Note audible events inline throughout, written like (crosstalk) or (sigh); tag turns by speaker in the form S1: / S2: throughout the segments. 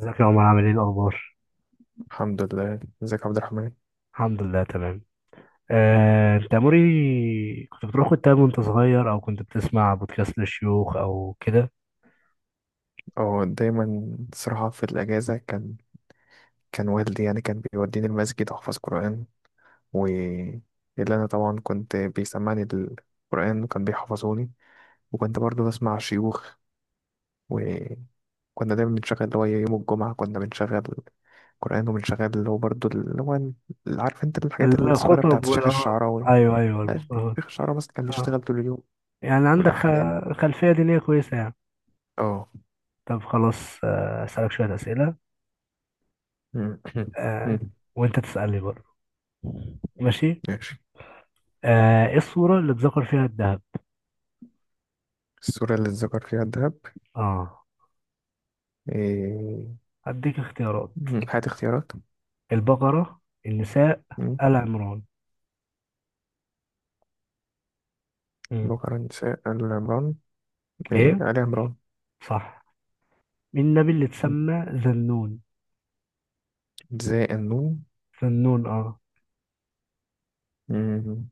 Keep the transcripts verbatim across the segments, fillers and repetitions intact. S1: ازيك يا عمر؟ عامل ايه الاخبار؟
S2: الحمد لله. ازيك يا عبد الرحمن؟
S1: الحمد لله تمام. آه، انت يا موري، كنت بتروح كتاب وانت صغير او كنت بتسمع بودكاست للشيوخ او كده؟
S2: اه، دايما صراحة في الأجازة كان كان والدي، يعني كان بيوديني المسجد أحفظ قرآن. و اللي أنا طبعا كنت بيسمعني القرآن وكان بيحفظوني، وكنت برضو بسمع شيوخ. وكنا دايما بنشغل اللي هو يوم الجمعة، كنا بنشغل قرآن، وبنشغل اللي هو برضو اللي هو ال- عارف انت الحاجات الصغيرة
S1: الخطب
S2: بتاعت
S1: وال
S2: الشيخ
S1: آه،
S2: الشعراوي.
S1: ايوه ايوه،
S2: لا،
S1: المختارات.
S2: الشيخ الشعراوي بس كان بيشتغل
S1: آه.
S2: طول اليوم،
S1: يعني عندك
S2: والأحكام.
S1: خ- خلفية دينية كويسة يعني.
S2: اه.
S1: طب خلاص، آه، اسالك شوية اسئلة،
S2: (coughs)
S1: آه، وانت تسألني برضه. ماشي.
S2: ماشي.
S1: آه، ايه الصورة اللي اتذكر فيها الذهب؟
S2: السورة اللي اتذكر فيها الذهب.
S1: اه،
S2: إيه؟
S1: هديك اختيارات:
S2: هات اختيارات.
S1: البقرة، النساء،
S2: مم.
S1: آل عمران. مم.
S2: بكرة نساء آل عمران. إيه،
S1: ايه،
S2: آل عمران.
S1: صح. مين النبي اللي
S2: مم.
S1: اتسمى ذنون؟
S2: زاء النون.
S1: ذنون، اه.
S2: مم.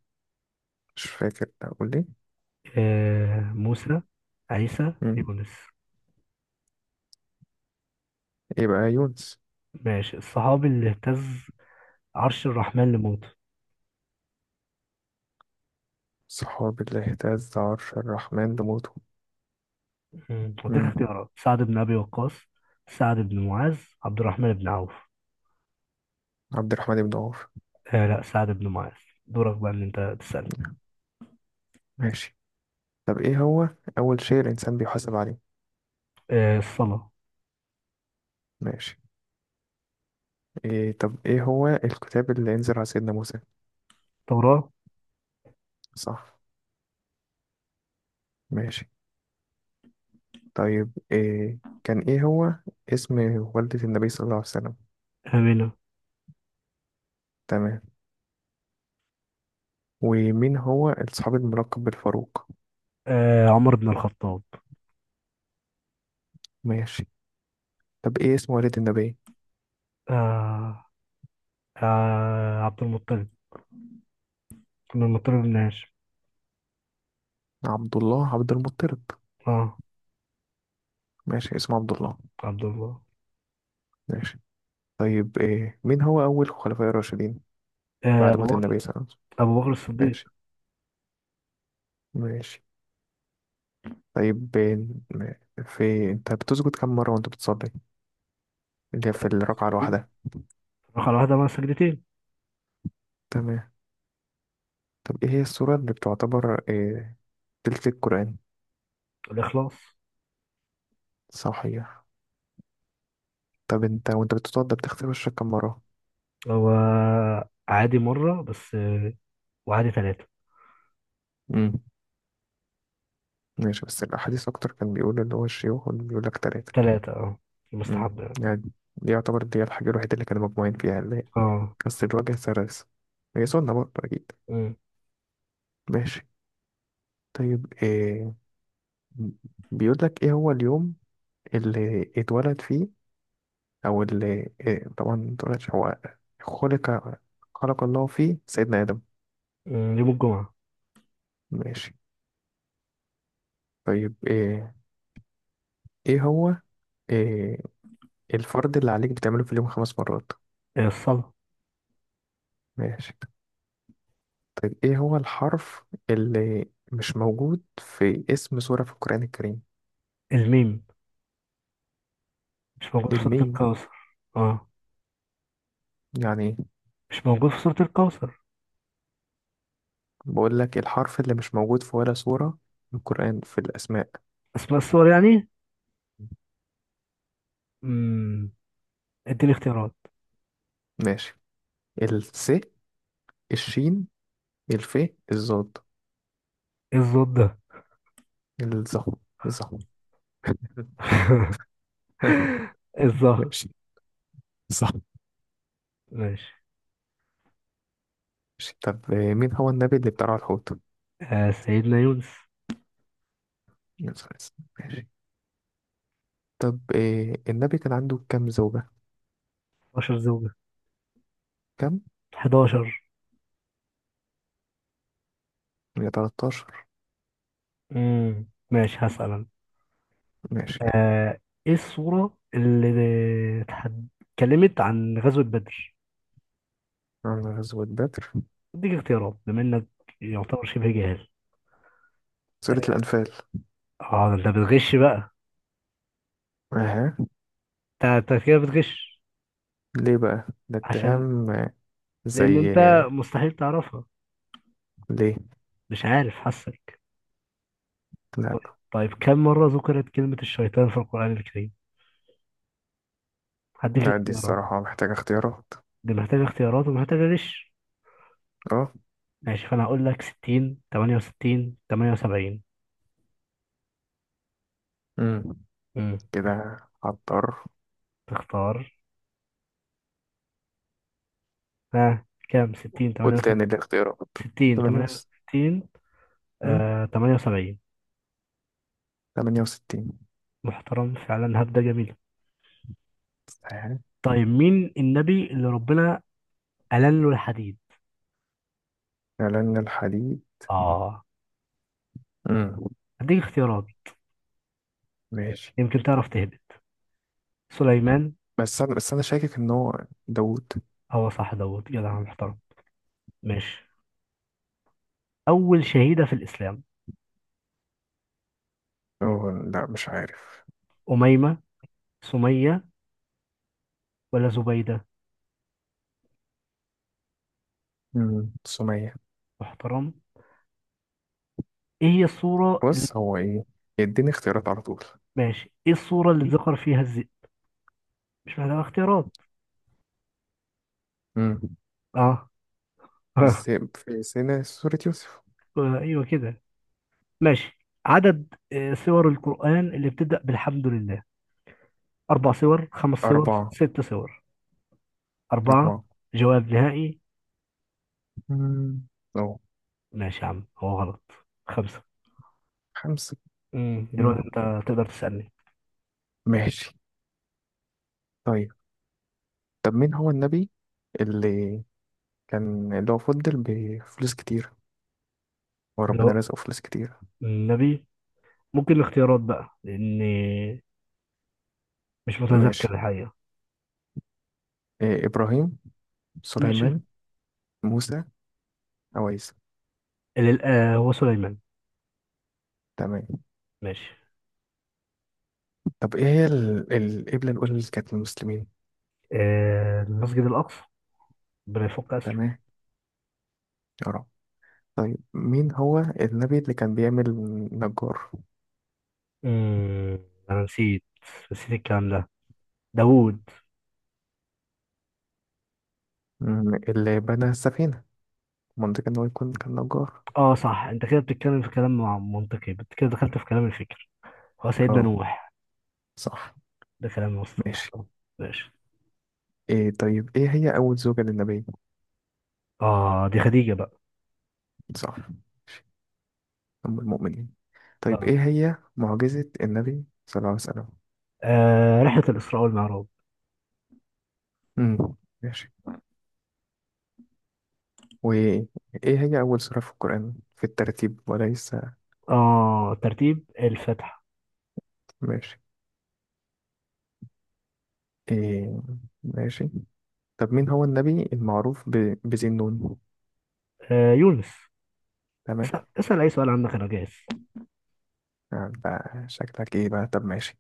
S2: مش فاكر أقول إيه.
S1: آه، موسى، عيسى،
S2: مم.
S1: يونس؟
S2: يبقى يونس.
S1: ماشي. الصحابي اللي اهتز عرش الرحمن لموته؟
S2: صحاب اللي اهتز عرش الرحمن بموته.
S1: مم. اديك
S2: مم.
S1: اختيارات: سعد بن ابي وقاص، سعد بن معاذ، عبد الرحمن بن عوف.
S2: عبد الرحمن بن عوف.
S1: آه لا، سعد بن معاذ. دورك بقى ان انت تسأل.
S2: ماشي. طب إيه هو أول شيء الإنسان بيحاسب عليه؟
S1: آه الصلاة.
S2: ماشي. إيه طب إيه هو الكتاب اللي أنزل على سيدنا موسى؟
S1: توراة.
S2: صح. ماشي. طيب إيه كان إيه هو اسم والدة النبي صلى الله عليه وسلم؟
S1: آمنة.
S2: تمام. ومين هو الصحابي الملقب بالفاروق؟
S1: آه عمر بن الخطاب.
S2: ماشي. طب ايه اسم والد النبي؟
S1: آه آه عبد المطلب، كنا المطر بن هاشم.
S2: عبد الله عبد المطلب.
S1: اه
S2: ماشي، اسمه عبد الله.
S1: عبد الله.
S2: ماشي. طيب إيه مين هو أول خلفاء الراشدين
S1: آه،
S2: بعد
S1: ابو
S2: موت
S1: بكر،
S2: النبي صلى الله عليه وسلم؟
S1: ابو بكر الصديق.
S2: ماشي. ماشي. طيب إيه، في انت بتسجد كم مرة وانت بتصلي، اللي هي في الركعة الواحدة؟
S1: رقم واحدة مع سجدتين.
S2: تمام. طب ايه هي السورة اللي بتعتبر إيه تلت القرآن؟
S1: الإخلاص.
S2: صحيح. طب انت وانت بتتوضى بتغسل وشك كم مرة؟
S1: هو عادي مرة بس، آه، وعادي ثلاثة.
S2: امم ماشي، بس الأحاديث أكتر كان بيقول اللي هو الشيوخ بيقول لك تلاتة.
S1: ثلاثة اه،
S2: مم.
S1: مستحب يعني.
S2: يعني دي يعتبر دي الحاجة الوحيدة اللي كانوا مجموعين فيها اللي هي
S1: اه.
S2: بس الوجه سرس، هي سنة برضه أكيد.
S1: أمم.
S2: ماشي. طيب إيه بيقول لك إيه هو اليوم اللي اتولد فيه، أو اللي إيه طبعا ما اتولدش هو، خلق خلق الله فيه سيدنا آدم؟
S1: أمم، يوم الجمعة.
S2: ماشي. طيب إيه إيه هو إيه الفرض اللي عليك بتعمله في اليوم خمس مرات؟
S1: آه، الصلاة.
S2: ماشي. طيب إيه هو الحرف اللي مش موجود في اسم سورة في القرآن الكريم؟
S1: الميم، مش موجود في سورة
S2: الميم؟
S1: الكوثر. اه،
S2: يعني
S1: مش موجود في سورة الكوثر.
S2: بقول لك الحرف اللي مش موجود في ولا سورة من القرآن في الأسماء.
S1: أسماء السور يعني. امم اديني اختيارات.
S2: ماشي. الس الشين، الف، الضاد،
S1: ايه الزود ده؟
S2: الظه الظه.
S1: (laughs)
S2: (laughs)
S1: الظهر.
S2: ماشي. صح.
S1: ماشي.
S2: ماشي. طب آه، مين هو النبي اللي بتاع الحوت؟
S1: آه سيدنا يونس.
S2: يوسف عليه السلام. ماشي. طب آه، النبي كان عنده كام زوجة؟
S1: اتناشر زوجة.
S2: كام؟
S1: حداشر.
S2: يا تلاتاشر.
S1: امم ماشي، هسأل أنا.
S2: ماشي.
S1: آه، إيه الصورة اللي اتحد- اتكلمت عن غزوة بدر؟
S2: عن غزوة بدر.
S1: أديك اختيارات بما إنك يعتبر شبه جاهل.
S2: سورة الأنفال.
S1: أه ده أنت بتغش بقى.
S2: اها.
S1: أنت أنت كده بتغش.
S2: ليه بقى ده
S1: عشان،
S2: اتهام؟ آه،
S1: لأن
S2: زي
S1: أنت
S2: آه،
S1: مستحيل تعرفها،
S2: ليه؟
S1: مش عارف، حاسك.
S2: لا.
S1: طيب كم مرة ذكرت كلمة الشيطان في القرآن الكريم؟ هديك
S2: لا، دي
S1: اختيارات.
S2: الصراحة محتاجة اختيارات.
S1: دي محتاجة اختيارات ومحتاجة غش.
S2: اه.
S1: ماشي، فأنا هقول لك ستين، تمانية وستين، تمانية وسبعين.
S2: امم
S1: امم
S2: كده عطار.
S1: تختار؟ ها كام؟ ستين،
S2: قلت ان
S1: تمانية وستين؟
S2: الاختيارات
S1: ستين،
S2: تمانية وس
S1: تمانية وستين؟
S2: امم
S1: آه تمانية وسبعين.
S2: تمانية وستين.
S1: محترم فعلا، هبدة جميلة.
S2: صحيح.
S1: طيب مين النبي اللي ربنا ألن له الحديد؟
S2: إعلان الحديد.
S1: اه
S2: امم.
S1: هديك اختيارات
S2: ماشي.
S1: يمكن تعرف تهبط: سليمان؟
S2: بس أنا بس أنا شاكك إن هو داوود.
S1: هو صح، دوت جدع محترم. ماشي. أول شهيدة في الإسلام:
S2: أوه، لا مش عارف.
S1: أميمة، سمية، ولا زبيدة؟
S2: امم سمية.
S1: محترم. إيه هي الصورة اللي...
S2: بص هو إيه. يديني اختيارات على طول.
S1: ماشي، إيه الصورة اللي ذكر فيها الذئب؟ مش محتاجة اختيارات.
S2: امم.
S1: اه. (laughs)
S2: الذئب في سنة سورة يوسف.
S1: ايوه كده. ماشي. عدد آه، سور القرآن اللي بتبدأ بالحمد لله: أربع سور، خمس سور،
S2: أربعة.
S1: ست سور؟ أربعة.
S2: أربعة.
S1: جواب نهائي؟
S2: امم. أو
S1: ماشي يا عم، هو غلط. خمسة.
S2: خمسة.
S1: امم
S2: امم
S1: دلوقتي أنت تقدر تسألني.
S2: ماشي. طيب، طب مين هو النبي اللي كان اللي هو فضل بفلوس كتير،
S1: اللي
S2: وربنا
S1: هو
S2: رزقه فلوس كتير؟
S1: النبي. ممكن الاختيارات بقى، لأني مش متذكر
S2: ماشي.
S1: الحقيقة.
S2: إيه إبراهيم،
S1: ماشي.
S2: سليمان، موسى، عويس.
S1: اللي الآ- هو سليمان.
S2: تمام.
S1: ماشي.
S2: طب إيه هي ال- القبلة الأولى اللي كانت للمسلمين؟
S1: آه، المسجد الأقصى، ربنا يفك أسره.
S2: تمام. يا رب. طيب مين هو النبي اللي كان بيعمل نجار؟
S1: امم أنا نسيت، نسيت الكلام ده. داوود.
S2: مم، اللي بنى السفينة. منطقة إن هو يكون كان نجار.
S1: اه صح، انت كده بتتكلم في كلام مع- منطقي بت- كده دخلت في كلام الفكر. هو سيدنا
S2: اه.
S1: نوح.
S2: صح.
S1: ده كلام وسط
S2: ماشي.
S1: محترم. ماشي.
S2: إيه طيب إيه هي أول زوجة للنبي؟
S1: اه دي خديجة بقى.
S2: صح. ماشي، أم المؤمنين. طيب
S1: اه,
S2: إيه هي معجزة النبي صلى الله عليه وسلم؟
S1: آه رحلة الإسراء والمعراج.
S2: امم ماشي. وإيه هي أول سورة في القرآن في الترتيب وليس؟
S1: اه ترتيب الفتح.
S2: ماشي. إيه. ماشي. طب مين هو النبي المعروف ب... بذي النون؟
S1: آه يونس.
S2: تمام.
S1: اسأل, اسأل أي سؤال عندك، أنا جاهز.
S2: آه، ده شكلك إيه بقى؟ طب ماشي.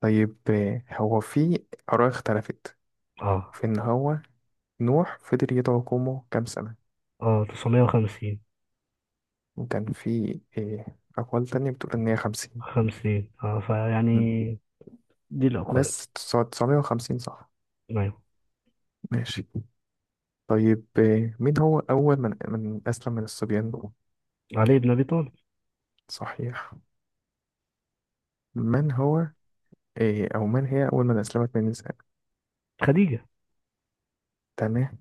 S2: طيب إيه، هو في آراء اختلفت
S1: اه.
S2: في إن هو نوح فضل يدعو قومه كام سنة؟
S1: اه تسعمية وخمسين.
S2: وكان في إيه أقوال تانية بتقول إن هي خمسين.
S1: خمسين اه فيعني، دي الأقوال.
S2: بس تسعمية وخمسين، صح.
S1: أيوه.
S2: ماشي. طيب إيه، مين هو أول من من أسلم من الصبيان؟
S1: علي بن أبي طالب.
S2: صحيح. من هو إيه أو من هي أول من أسلمت من النساء؟
S1: خديجة.
S2: تمام.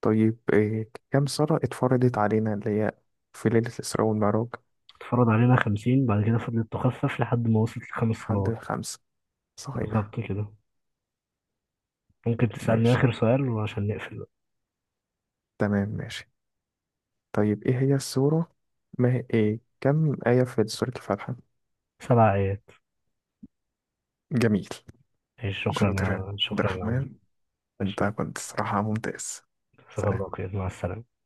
S2: طيب إيه كم سنة اتفرضت علينا اللي هي في ليلة الإسراء والمعراج؟
S1: اتفرض علينا خمسين، بعد كده فضلت تخفف لحد ما وصلت لخمس
S2: حد
S1: صلوات.
S2: خمسة. صحيح.
S1: بالظبط كده. ممكن تسألني
S2: ماشي.
S1: آخر سؤال وعشان نقفل بقى.
S2: تمام. ماشي. طيب إيه هي السورة ما هي إيه كم آية في سورة الفاتحة؟
S1: سبع آيات.
S2: جميل.
S1: ماشي، شكرا
S2: شاطر يا
S1: يا،
S2: عبد
S1: شكرا يا عم.
S2: الرحمن، أنت كنت الصراحة ممتاز. سلام.
S1: شكرا لك، مع السلامة.